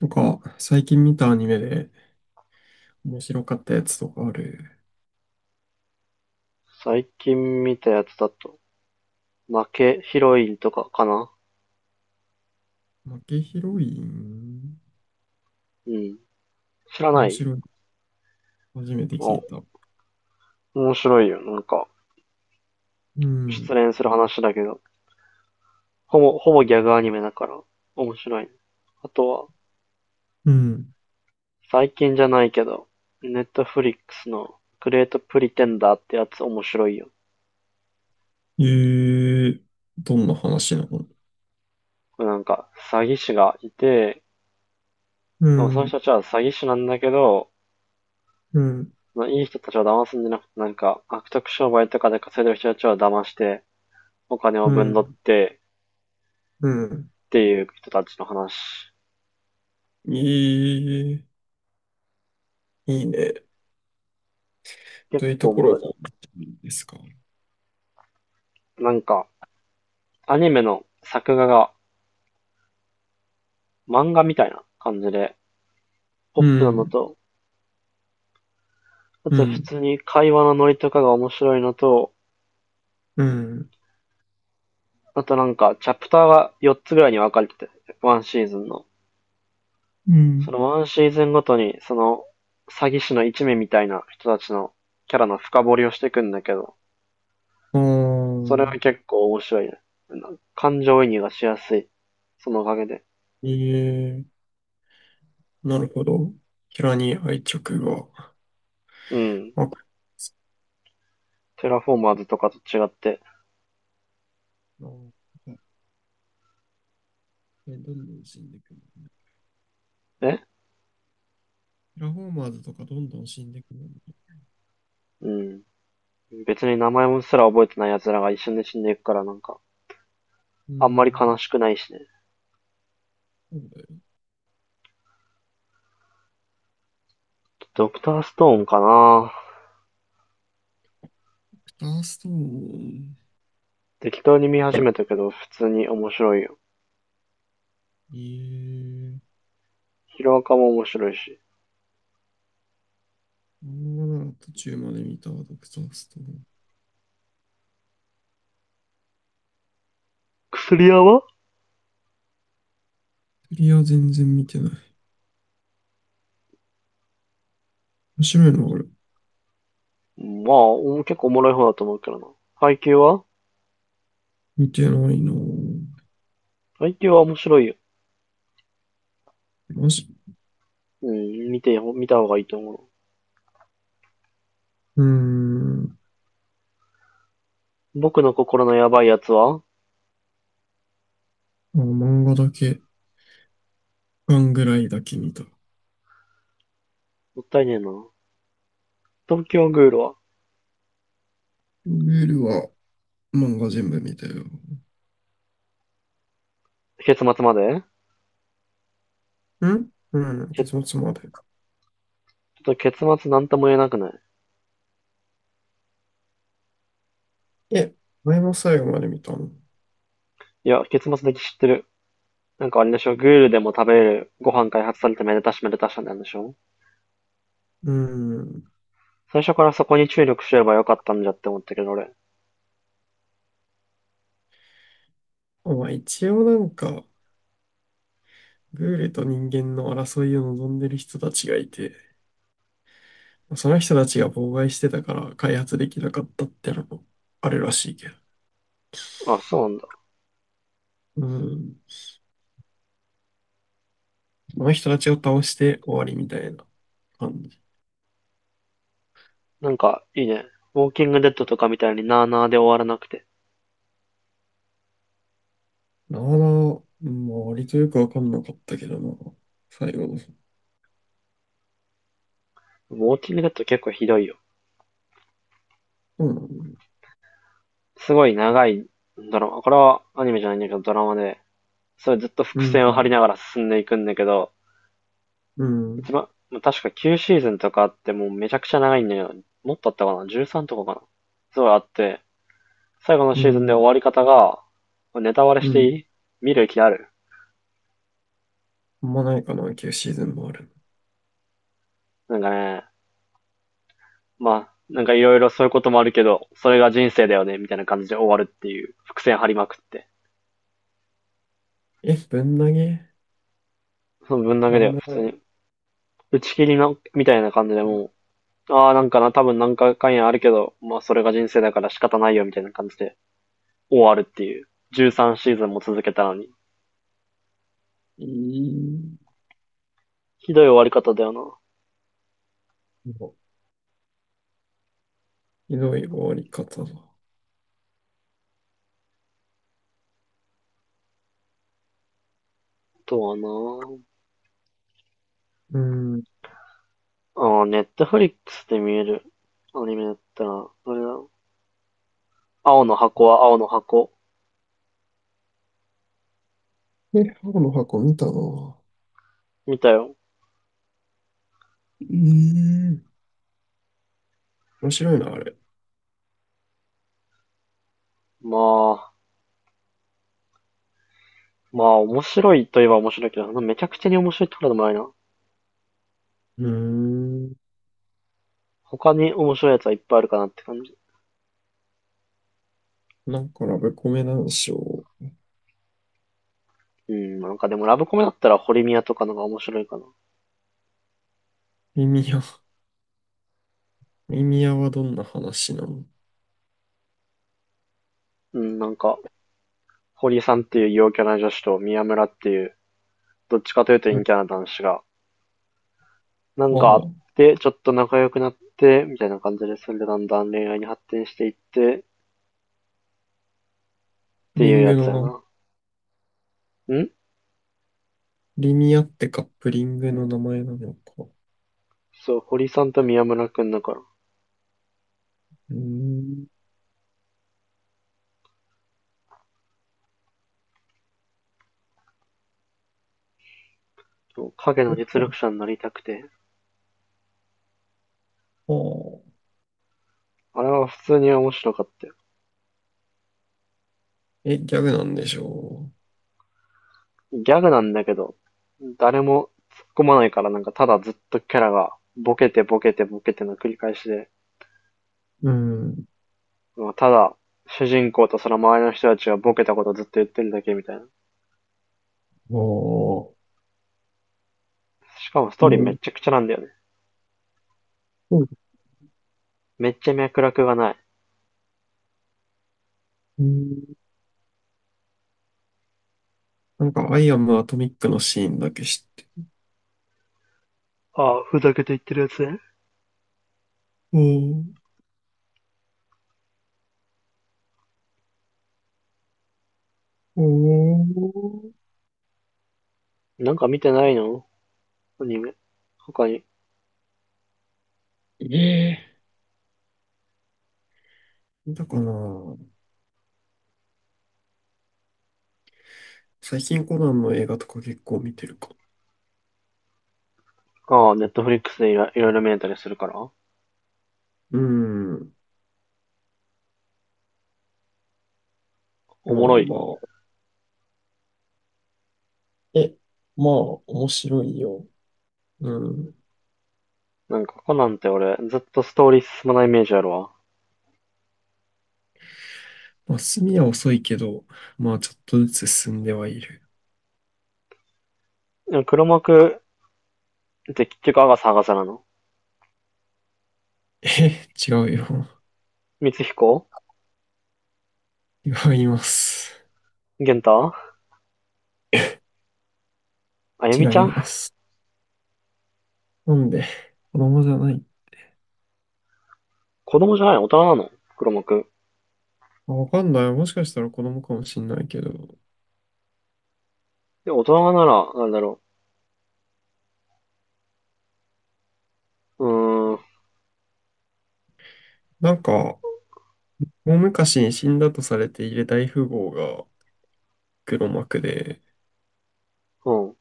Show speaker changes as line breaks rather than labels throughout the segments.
なんか、最近見たアニメで面白かったやつとかある？
最近見たやつだと、負けヒロインとかかな。
負けヒロイン
うん。知らな
面
い？
白い。初めて聞
あ、
いた。
面白いよ。なんか、
う
失
ん。
恋する話だけど、ほぼギャグアニメだから、面白い。あとは、
うん。
最近じゃないけど、ネットフリックスのグレートプリテンダーってやつ面白いよ。
えー、どんな話なの？
これなんか、詐欺師がいて、
う
その
ん。
人たちは詐欺師なんだけど、
うん。
いい人たちを騙すんじゃなくて、なんか、悪徳商売とかで稼いでる人たちを騙して、お金
う
をぶんどっ
ん。
て、
うん。
っていう人たちの話。
えー、いいね。
結
どういうと
構お
こ
も
ろが
ろ
好きですか？
い。なんか、アニメの作画が漫画みたいな感じで、ポッ
う
プなの
ん。
と、あ
う
と普
ん。
通に会話のノリとかが面白いのと、
うん。
あとなんか、チャプターが4つぐらいに分かれてて、ワンシーズンの。
う
そ
ん。
のワンシーズンごとに、その、詐欺師の一味みたいな人たちのキャラの深掘りをしていくんだけど、
あ
それは
ー、
結構面白いね。感情移入がしやすい。そのおかげで。
えー、なるほど。キャラに愛着が。
うん。
あ、
テラフォーマーズとかと違って。
そう。ね、どんどん死んでいくもんね。
え。
テラフォーマーズとかどんどん死んでいくもんね。
うん。別に名前もすら覚えてない奴らが一緒に死んでいくからなんか、
うー
あんまり
ん。
悲しくないしね。
そうだよ。
ドクターストーンかな。
クターストーン。
適当に見始めたけど、普通に面白いよ。
ええ、
ヒロアカも面白いし。
漫画なら途中まで見たわ、ドクターストーン。
薬屋は？
クリア全然見てない。面白いな、俺。
まあ、結構おもろい方だと思うけどな。配給は？
見てないな。
配給は面白いよ。
マジ？
うん、見た方がいいと思う。
うーん。
僕の心のやばいやつはも
あ、漫画だけ、巻ぐらいだけ見た。
ったいねえな。東京グールは？
ルールは漫画全部見たよ。
結末まで？
んうん、
け
結末まで。
結末なんとも言えなくない？
え、前も最後まで見たの。う
いや、結末だけ知ってる。なんかあれでしょ、グールでも食べれるご飯開発されてめでたしめでたしなんでしょ？
ーん。
最初からそこに注力すればよかったんじゃって思ったけど俺。
まあ一応なんか、グールと人間の争いを望んでる人たちがいて、その人たちが妨害してたから開発できなかったってのもあるらしいけど。
あ、そうなんだ。
うん。その人たちを倒して終わりみたいな感じ。
なんかいいね。ウォーキングデッドとかみたいになーなーで終わらなくて。
なあなあ、まあ割とよくわかんなかったけどな、最後の。そ
ウォーキングデッド結構ひどいよ。
うなん
すごい長いドラマ。これはアニメじゃないんだけどドラマで、それずっと
う
伏線を張り
ん。
ながら進んでいくんだけど、
う
一
ん。
番、ま確か9シーズンとかあってもうめちゃくちゃ長いんだよ。もっとあったかな？ 13 とかかな？すごいあって、最後の
う
シーズンで終
ん。
わり方が、ネタバレ
う
してい
ん。
い？見る気ある？
あんまないかな、旧シーズンもある。
なんかね、まあ、なんかいろいろそういうこともあるけど、それが人生だよね、みたいな感じで終わるっていう、伏線張りまくって。
え、ぶん投げ、
その分だけ
な
だ
ん
よ、
も
普
な
通
い。
に。打ち切りなみたいな感じでもう、ああ、なんかな、多分なんか関やあるけど、まあそれが人生だから仕方ないよ、みたいな感じで終わるっていう。13シーズンも続けたのに。
いい。
ひどい終わり方だよな。
ひどい終わり方だ。
とはな。
うん。
ああ、ネットフリックスで見えるアニメだったら、あれだ。青の箱は？青の箱。
え、青の箱見たな。う
見たよ。
ーん。面白いな、あれ。
まあ、まあ面白いといえば面白いけど、めちゃくちゃに面白いってことでもないな。
うーん。
他に面白いやつはいっぱいあるかなって感じ。
なんかラブコメなんでしょ
うん、なんかでもラブコメだったら堀宮とかのが面白いかな。
う。リミア、リミアはどんな話なの？
うん、なんか、堀さんっていう陽キャな女子と宮村っていう、どっちかというと
うんあ
陰
あ、
キャな男子が、なんかあって、ちょっと仲良くなって、みたいな感じで、それでだんだん恋愛に発展していって、っ
プ
て
リ
いう
ン
や
グ
つ
の
や
な、
な。ん。
リミアってカップリングの名前なのか。
そう、堀さんと宮村くんだから。
うーん。
影の実力者になりたくて、
ああ、
あれは普通に面白かったよ。
え、ギャグなんでしょ
ギャグなんだけど、誰も突っ込まないからなんかただずっとキャラがボケてボケてボケての繰り返しで、
う。うん。
まあただ主人公とその周りの人たちがボケたことをずっと言ってるだけみたいな。
ああ、
しかもスト
う
ーリーめっ
ん。
ちゃくちゃなんだよね。めっちゃ脈絡がない。
うん、なんか、アイアムアトミックのシーンだけ知って。
ああ、ふざけて言ってるやつね。
うん。おー、
なんか見てないの？アニメ。他に。
ええだから、最近コナンの映画とか結構見てるか。
ああ、ネットフリックスでいろいろ見れたりするから。
うん。
お
ま
も
あ
ろい。
まあ。え、まあ、面白いよ。うん。
なんかコナンって俺、ずっとストーリー進まないイメージあるわ。
まあ、進みは遅いけど、まあ、ちょっとずつ進んではいる。
でも黒幕で、結局、アガサ、アガサなの？
え、違うよ。
光彦？
違います。
玄太？あゆ
違
みちゃ
い
ん？
ます。なんで、子供じゃない。
子供じゃない大人なの、黒幕。
あ、わかんない。もしかしたら子供かもしんないけど。
で、大人なら、なんだろう。うーん、
なんか、大昔に死んだとされている大富豪が黒幕で、
うん。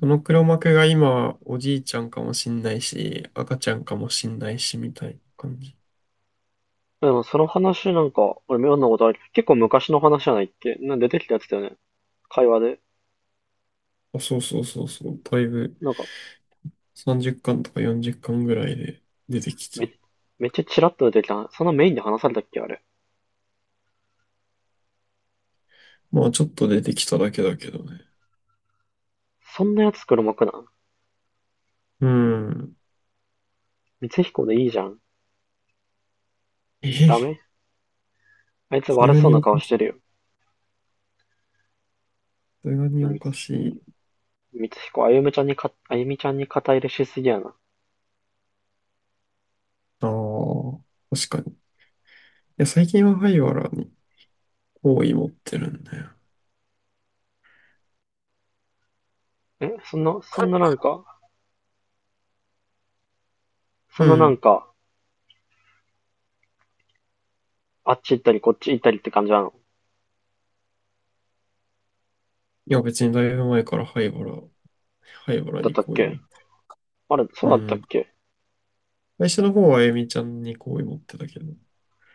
その黒幕が今、おじいちゃんかもしんないし、赤ちゃんかもしんないし、みたいな感じ。
でも、その話なんか、俺妙なことある。結構昔の話じゃないっけ？なんか出てきたやつだよね。会話で。
あ、そうそうそうそう。だいぶ
なんか、
30巻とか40巻ぐらいで出てき
め、
て。
めっちゃチラッと出てきた。そんなメインで話されたっけ、あれ。
まあ、ちょっと出てきただけだけどね。
そんなやつ黒幕なん？
うん。
光彦でいいじゃん。
え、
ダ
さ
メ？あいつ
す
悪
が
そう
にお
な
か
顔し
し
てる
い。
よ。
さすがに
う
お
ん。
かしい。
光彦、あゆみちゃんにか、あゆみちゃんに肩入れしすぎやな。
ああ、確かに。いや、最近は灰原に好意持ってるんだよ。
え、そんななんか、
う
そんななん
ん。
か、あっち行ったりこっち行ったりって感じなの？
いや、別にだいぶ前から灰原、灰原
だっ
に
たっ
好意持
け？
って
あれ、そ
る。う
うだったっ
ん。
け？
最初の方はあゆみちゃんに好意持ってたけど、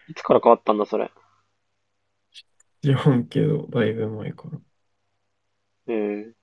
いつから変わったんだ、それ。
知らんけど、だいぶ前から。
えー